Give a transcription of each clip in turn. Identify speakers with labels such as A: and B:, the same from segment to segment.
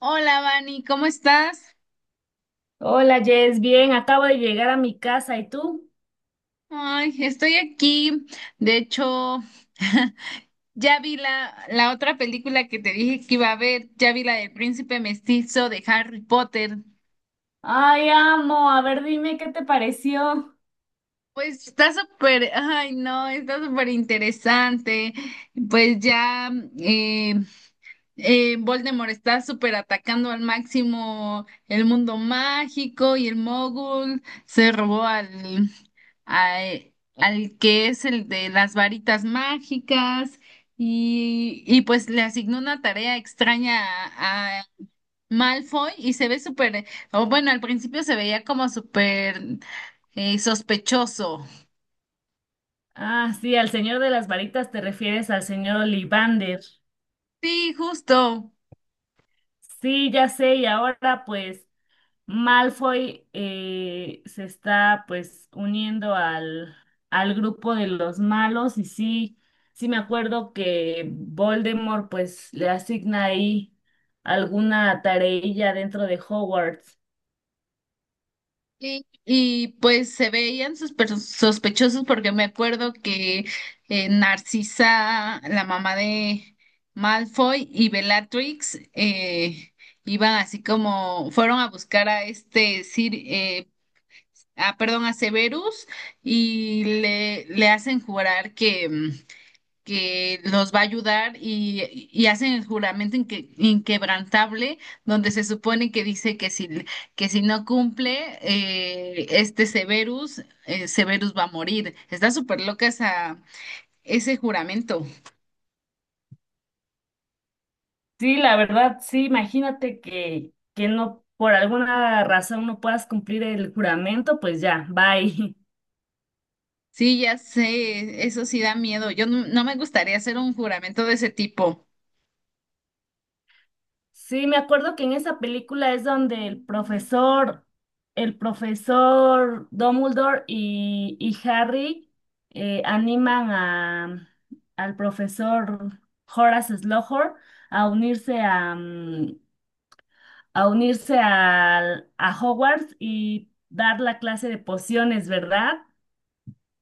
A: Hola, Vani, ¿cómo estás?
B: Hola Jess, bien, acabo de llegar a mi casa, ¿y tú?
A: Ay, estoy aquí. De hecho, ya vi la otra película que te dije que iba a ver. Ya vi la del Príncipe Mestizo de Harry Potter.
B: Ay, amo. A ver, dime qué te pareció.
A: Pues está súper, ay, no, está súper interesante. Pues ya, eh, Voldemort está súper atacando al máximo el mundo mágico y el mogul se robó al que es el de las varitas mágicas y pues le asignó una tarea extraña a Malfoy y se ve súper, o bueno, al principio se veía como súper sospechoso.
B: Ah, sí, al señor de las varitas te refieres al señor Ollivander.
A: Sí, justo.
B: Sí, ya sé, y ahora pues Malfoy se está pues uniendo al grupo de los malos y sí, sí me acuerdo que Voldemort pues le asigna ahí alguna tareilla dentro de Hogwarts.
A: Y, pues se veían sospechosos porque me acuerdo que Narcisa, la mamá de Malfoy y Bellatrix iban así como fueron a buscar a este Sir, ah, perdón, a Severus y le hacen jurar que los va a ayudar y hacen el juramento inquebrantable, donde se supone que dice que si no cumple, Severus va a morir. Está súper loca ese juramento.
B: Sí, la verdad, sí, imagínate que no, por alguna razón no puedas cumplir el juramento, pues ya, bye.
A: Sí, ya sé, eso sí da miedo. Yo no me gustaría hacer un juramento de ese tipo.
B: Sí, me acuerdo que en esa película es donde el profesor Dumbledore y Harry animan al profesor Horace Slughorn a unirse a a Hogwarts y dar la clase de pociones, ¿verdad?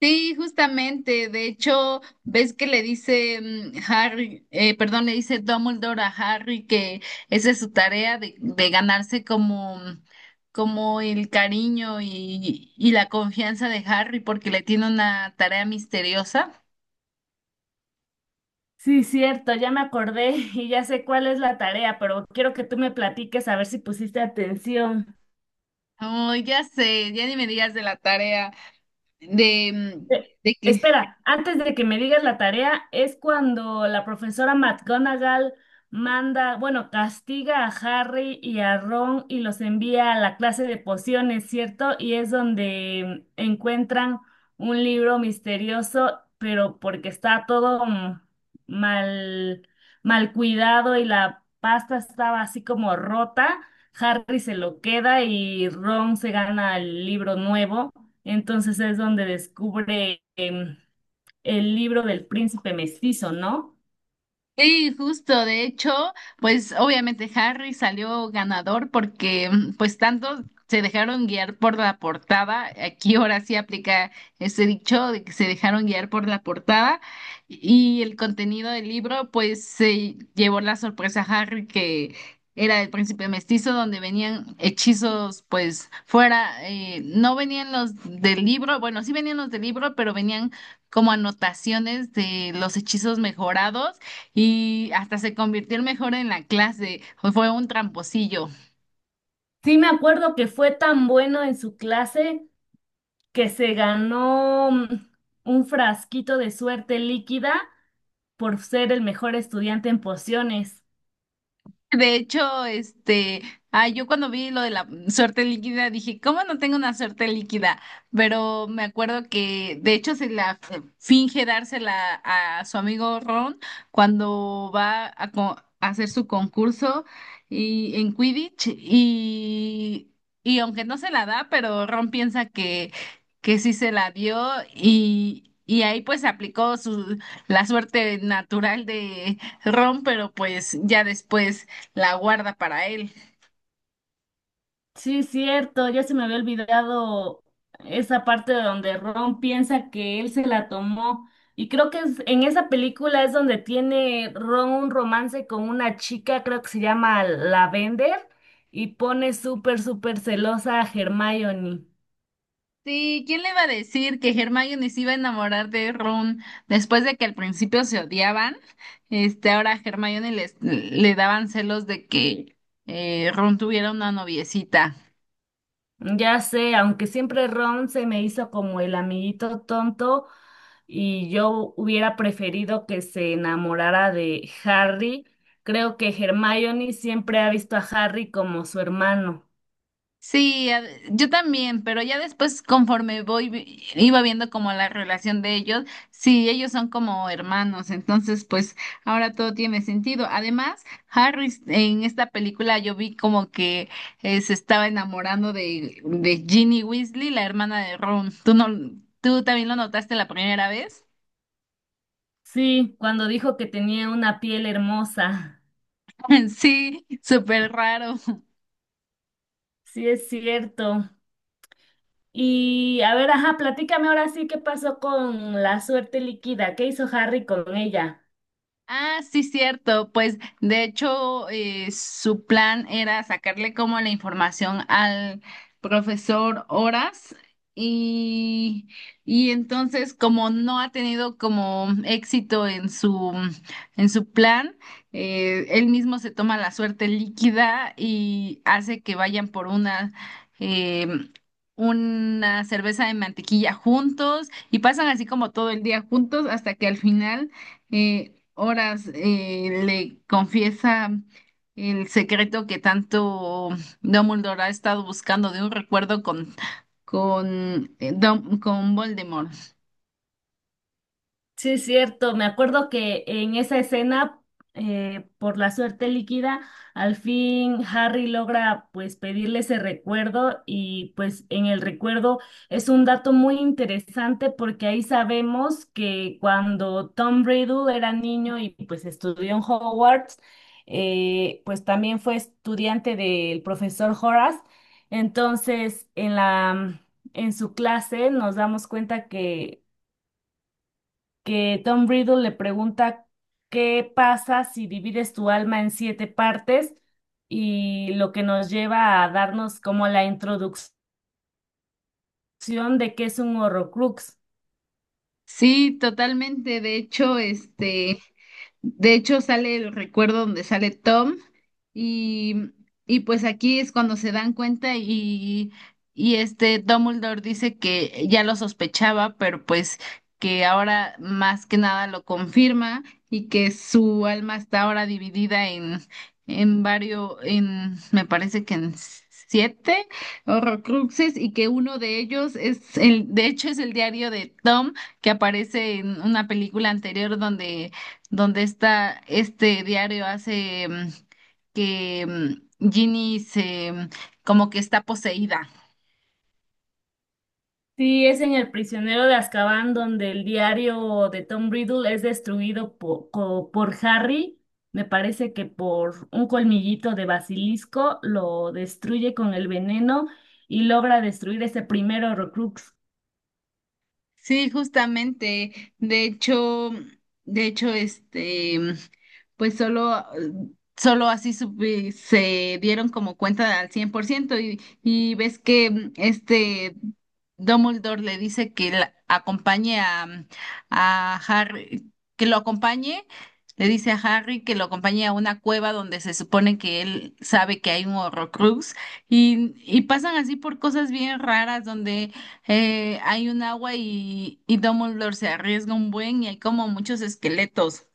A: Sí, justamente. De hecho, ves que le dice mm, Harry, perdón, le dice Dumbledore a Harry que esa es su tarea de ganarse como el cariño y la confianza de Harry porque le tiene una tarea misteriosa.
B: Sí, cierto, ya me acordé y ya sé cuál es la tarea, pero quiero que tú me platiques a ver si pusiste atención.
A: Oh, ya sé, ya ni me digas de la tarea de, mm,
B: Eh,
A: de que
B: Espera, antes de que me digas la tarea, es cuando la profesora McGonagall manda, bueno, castiga a Harry y a Ron y los envía a la clase de pociones, ¿cierto? Y es donde encuentran un libro misterioso, pero porque está todo mal, mal cuidado y la pasta estaba así como rota. Harry se lo queda y Ron se gana el libro nuevo. Entonces es donde descubre el libro del príncipe mestizo, ¿no?
A: Sí, justo, de hecho, pues obviamente Harry salió ganador porque pues tanto se dejaron guiar por la portada, aquí ahora sí aplica ese dicho de que se dejaron guiar por la portada y el contenido del libro pues se llevó la sorpresa a Harry que era el príncipe mestizo donde venían hechizos pues fuera, no venían los del libro, bueno sí venían los del libro pero venían como anotaciones de los hechizos mejorados y hasta se convirtió el mejor en la clase. Fue un tramposillo.
B: Sí, me acuerdo que fue tan bueno en su clase que se ganó un frasquito de suerte líquida por ser el mejor estudiante en pociones.
A: De hecho, este, ah, yo cuando vi lo de la suerte líquida dije, ¿cómo no tengo una suerte líquida? Pero me acuerdo que de hecho se la finge dársela a su amigo Ron cuando va a hacer su concurso y en Quidditch y aunque no se la da, pero Ron piensa que sí se la dio y ahí pues aplicó la suerte natural de Ron, pero pues ya después. La guarda para él.
B: Sí, cierto, ya se me había olvidado esa parte donde Ron piensa que él se la tomó. Y creo que en esa película es donde tiene Ron un romance con una chica, creo que se llama Lavender, y pone súper, súper celosa a Hermione.
A: Sí, ¿quién le iba a decir que Hermione se iba a enamorar de Ron después de que al principio se odiaban? Este, ahora a Hermione les- le daban celos de que Ron tuviera una noviecita.
B: Ya sé, aunque siempre Ron se me hizo como el amiguito tonto y yo hubiera preferido que se enamorara de Harry. Creo que Hermione siempre ha visto a Harry como su hermano.
A: Sí, yo también, pero ya después conforme iba viendo como la relación de ellos, sí, ellos son como hermanos, entonces pues ahora todo tiene sentido. Además, Harris en esta película yo vi como que se estaba enamorando de Ginny Weasley, la hermana de Ron. ¿Tú no, tú también lo notaste la primera vez?
B: Sí, cuando dijo que tenía una piel hermosa.
A: Sí, súper raro.
B: Sí, es cierto. Y a ver, ajá, platícame ahora sí qué pasó con la suerte líquida, qué hizo Harry con ella.
A: Ah, sí, cierto. Pues de hecho, su plan era sacarle como la información al profesor Horas y, y entonces como no ha tenido como éxito en su plan, él mismo se toma la suerte líquida y hace que vayan por em, una cerveza de mantequilla juntos y pasan así como todo el día juntos hasta que al final horas le confiesa el secreto que tanto Dumbledore ha estado buscando de un recuerdo con Voldemort.
B: Sí, es cierto. Me acuerdo que en esa escena, por la suerte líquida, al fin Harry logra pues pedirle ese recuerdo, y pues en el recuerdo es un dato muy interesante porque ahí sabemos que cuando Tom Riddle era niño y pues estudió en Hogwarts, pues también fue estudiante del profesor Horace. Entonces, en la en su clase nos damos cuenta que Tom Riddle le pregunta qué pasa si divides tu alma en siete partes, y lo que nos lleva a darnos como la introducción de qué es un Horrocrux.
A: Sí, totalmente. De hecho, este. De hecho, sale el recuerdo donde sale Tom y, y pues aquí es cuando se dan cuenta y este Dumbledore dice que ya lo sospechaba, pero pues que ahora más que nada lo confirma y que su alma está ahora dividida en varios, me parece que en siete Horrocruxes y que uno de ellos es el, de hecho es el diario de Tom que aparece en una película anterior donde está este diario hace que Ginny se como que está poseída.
B: Sí, es en El prisionero de Azkaban donde el diario de Tom Riddle es destruido por Harry. Me parece que por un colmillito de basilisco lo destruye con el veneno y logra destruir ese primer Horrocrux.
A: Sí, justamente. De hecho, este, pues solo así se dieron como cuenta al 100% y ves que este Dumbledore le dice que acompañe a Harry, que lo acompañe, le dice a Harry que lo acompañe a una cueva donde se supone que él sabe que hay un Horrocrux y pasan así por cosas bien raras donde hay un agua y Dumbledore se arriesga un buen y hay como muchos esqueletos.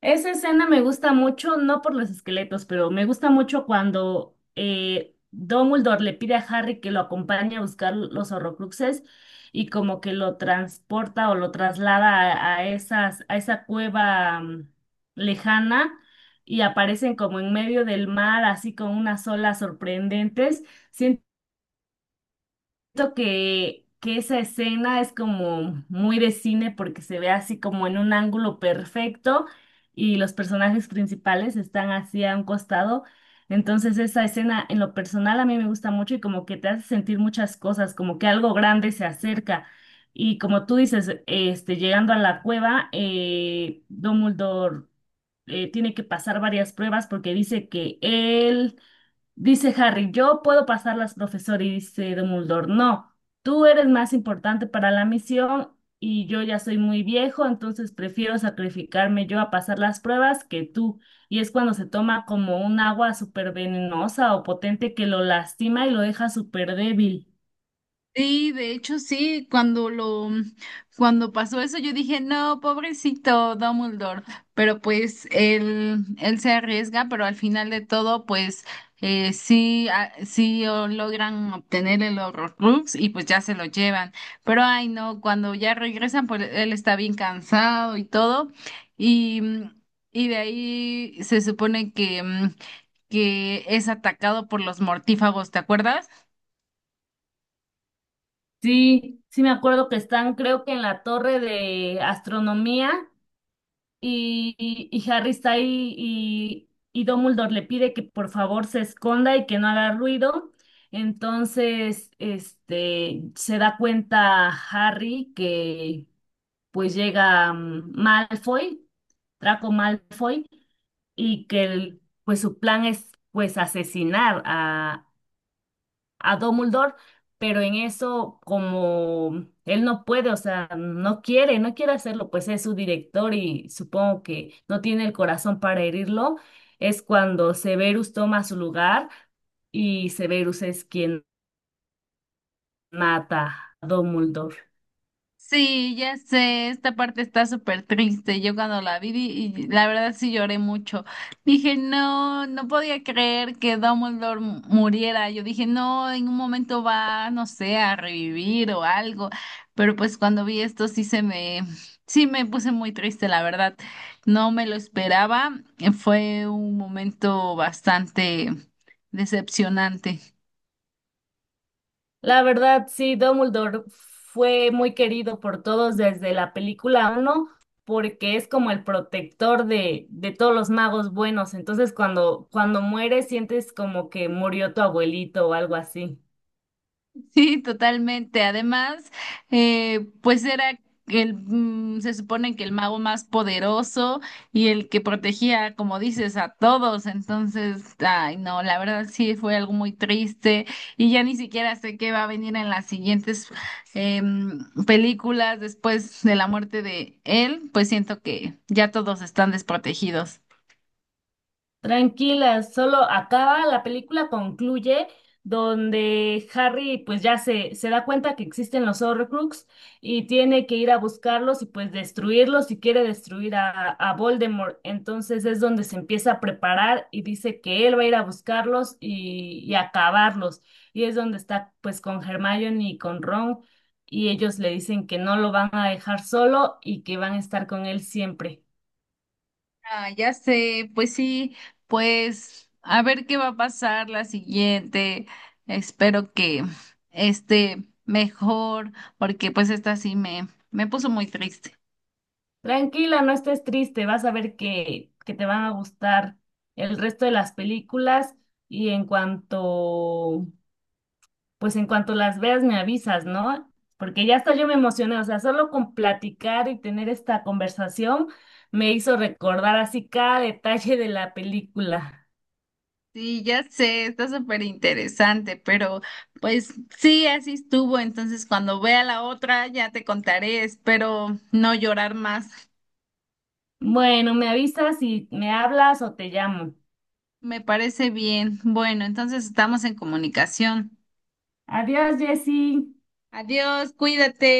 B: Esa escena me gusta mucho, no por los esqueletos, pero me gusta mucho cuando Dumbledore le pide a Harry que lo acompañe a buscar los Horrocruxes, y como que lo transporta o lo traslada a esas, a esa cueva lejana, y aparecen como en medio del mar, así con unas olas sorprendentes. Siento que esa escena es como muy de cine porque se ve así como en un ángulo perfecto y los personajes principales están así a un costado. Entonces esa escena en lo personal a mí me gusta mucho, y como que te hace sentir muchas cosas, como que algo grande se acerca. Y como tú dices, este, llegando a la cueva, Dumbledore tiene que pasar varias pruebas porque dice que él dice Harry, yo puedo pasarlas, profesor, y dice Dumbledore, no, tú eres más importante para la misión y yo ya soy muy viejo, entonces prefiero sacrificarme yo a pasar las pruebas que tú. Y es cuando se toma como un agua súper venenosa o potente que lo lastima y lo deja súper débil.
A: Sí, de hecho sí, cuando pasó eso yo dije, no, pobrecito Dumbledore, pero pues él se arriesga, pero al final de todo, pues sí, ah, sí oh, logran obtener el Horrocrux y pues ya se lo llevan. Pero ay no, cuando ya regresan, pues él está bien cansado y todo, y, mm, y de ahí se supone que es atacado por los mortífagos, ¿te acuerdas?
B: Sí, sí me acuerdo que están, creo que en la torre de astronomía Harry está ahí y Dumbledore le pide que por favor se esconda y que no haga ruido. Entonces, este, se da cuenta Harry que pues llega Malfoy, Draco Malfoy, y que pues su plan es pues asesinar a Dumbledore, pero en eso, como él no puede, o sea, no quiere, no quiere hacerlo, pues es su director y supongo que no tiene el corazón para herirlo, es cuando Severus toma su lugar y Severus es quien mata a Dumbledore.
A: Sí, ya sé, esta parte está súper triste. Yo cuando la vi, y la verdad sí lloré mucho. Dije, no, no podía creer que Dumbledore muriera. Yo dije, no, en un momento va, no sé, a revivir o algo. Pero pues cuando vi esto sí me puse muy triste, la verdad. No me lo esperaba. Fue un momento bastante decepcionante.
B: La verdad, sí, Dumbledore fue muy querido por todos desde la película uno porque es como el protector de todos los magos buenos. Entonces, cuando mueres, sientes como que murió tu abuelito o algo así.
A: Sí, totalmente. Además, pues era se supone que el mago más poderoso y el que protegía, como dices, a todos. Entonces, ay, no, la verdad sí fue algo muy triste y ya ni siquiera sé qué va a venir en las siguientes em, películas después de la muerte de él. Pues siento que ya todos están desprotegidos.
B: Tranquila, solo acaba, la película concluye donde Harry pues se da cuenta que existen los Horcrux y tiene que ir a buscarlos y pues destruirlos, y quiere destruir a Voldemort. Entonces es donde se empieza a preparar y dice que él va a ir a buscarlos y acabarlos. Y es donde está pues con Hermione y con Ron, y ellos le dicen que no lo van a dejar solo y que van a estar con él siempre.
A: Ah, ya sé, pues sí, pues a ver qué va a pasar la siguiente. Espero que esté mejor, porque pues esta sí me puso muy triste.
B: Tranquila, no estés triste, vas a ver que te van a gustar el resto de las películas, y pues en cuanto las veas me avisas, ¿no? Porque ya hasta yo me emocioné, o sea, solo con platicar y tener esta conversación me hizo recordar así cada detalle de la película.
A: Sí, ya sé, está súper interesante, pero pues sí, así estuvo. Entonces, cuando vea la otra, ya te contaré. Espero no llorar más.
B: Bueno, me avisas si me hablas o te llamo.
A: Me parece bien. Bueno, entonces estamos en comunicación.
B: Adiós, Jessy.
A: Adiós, cuídate.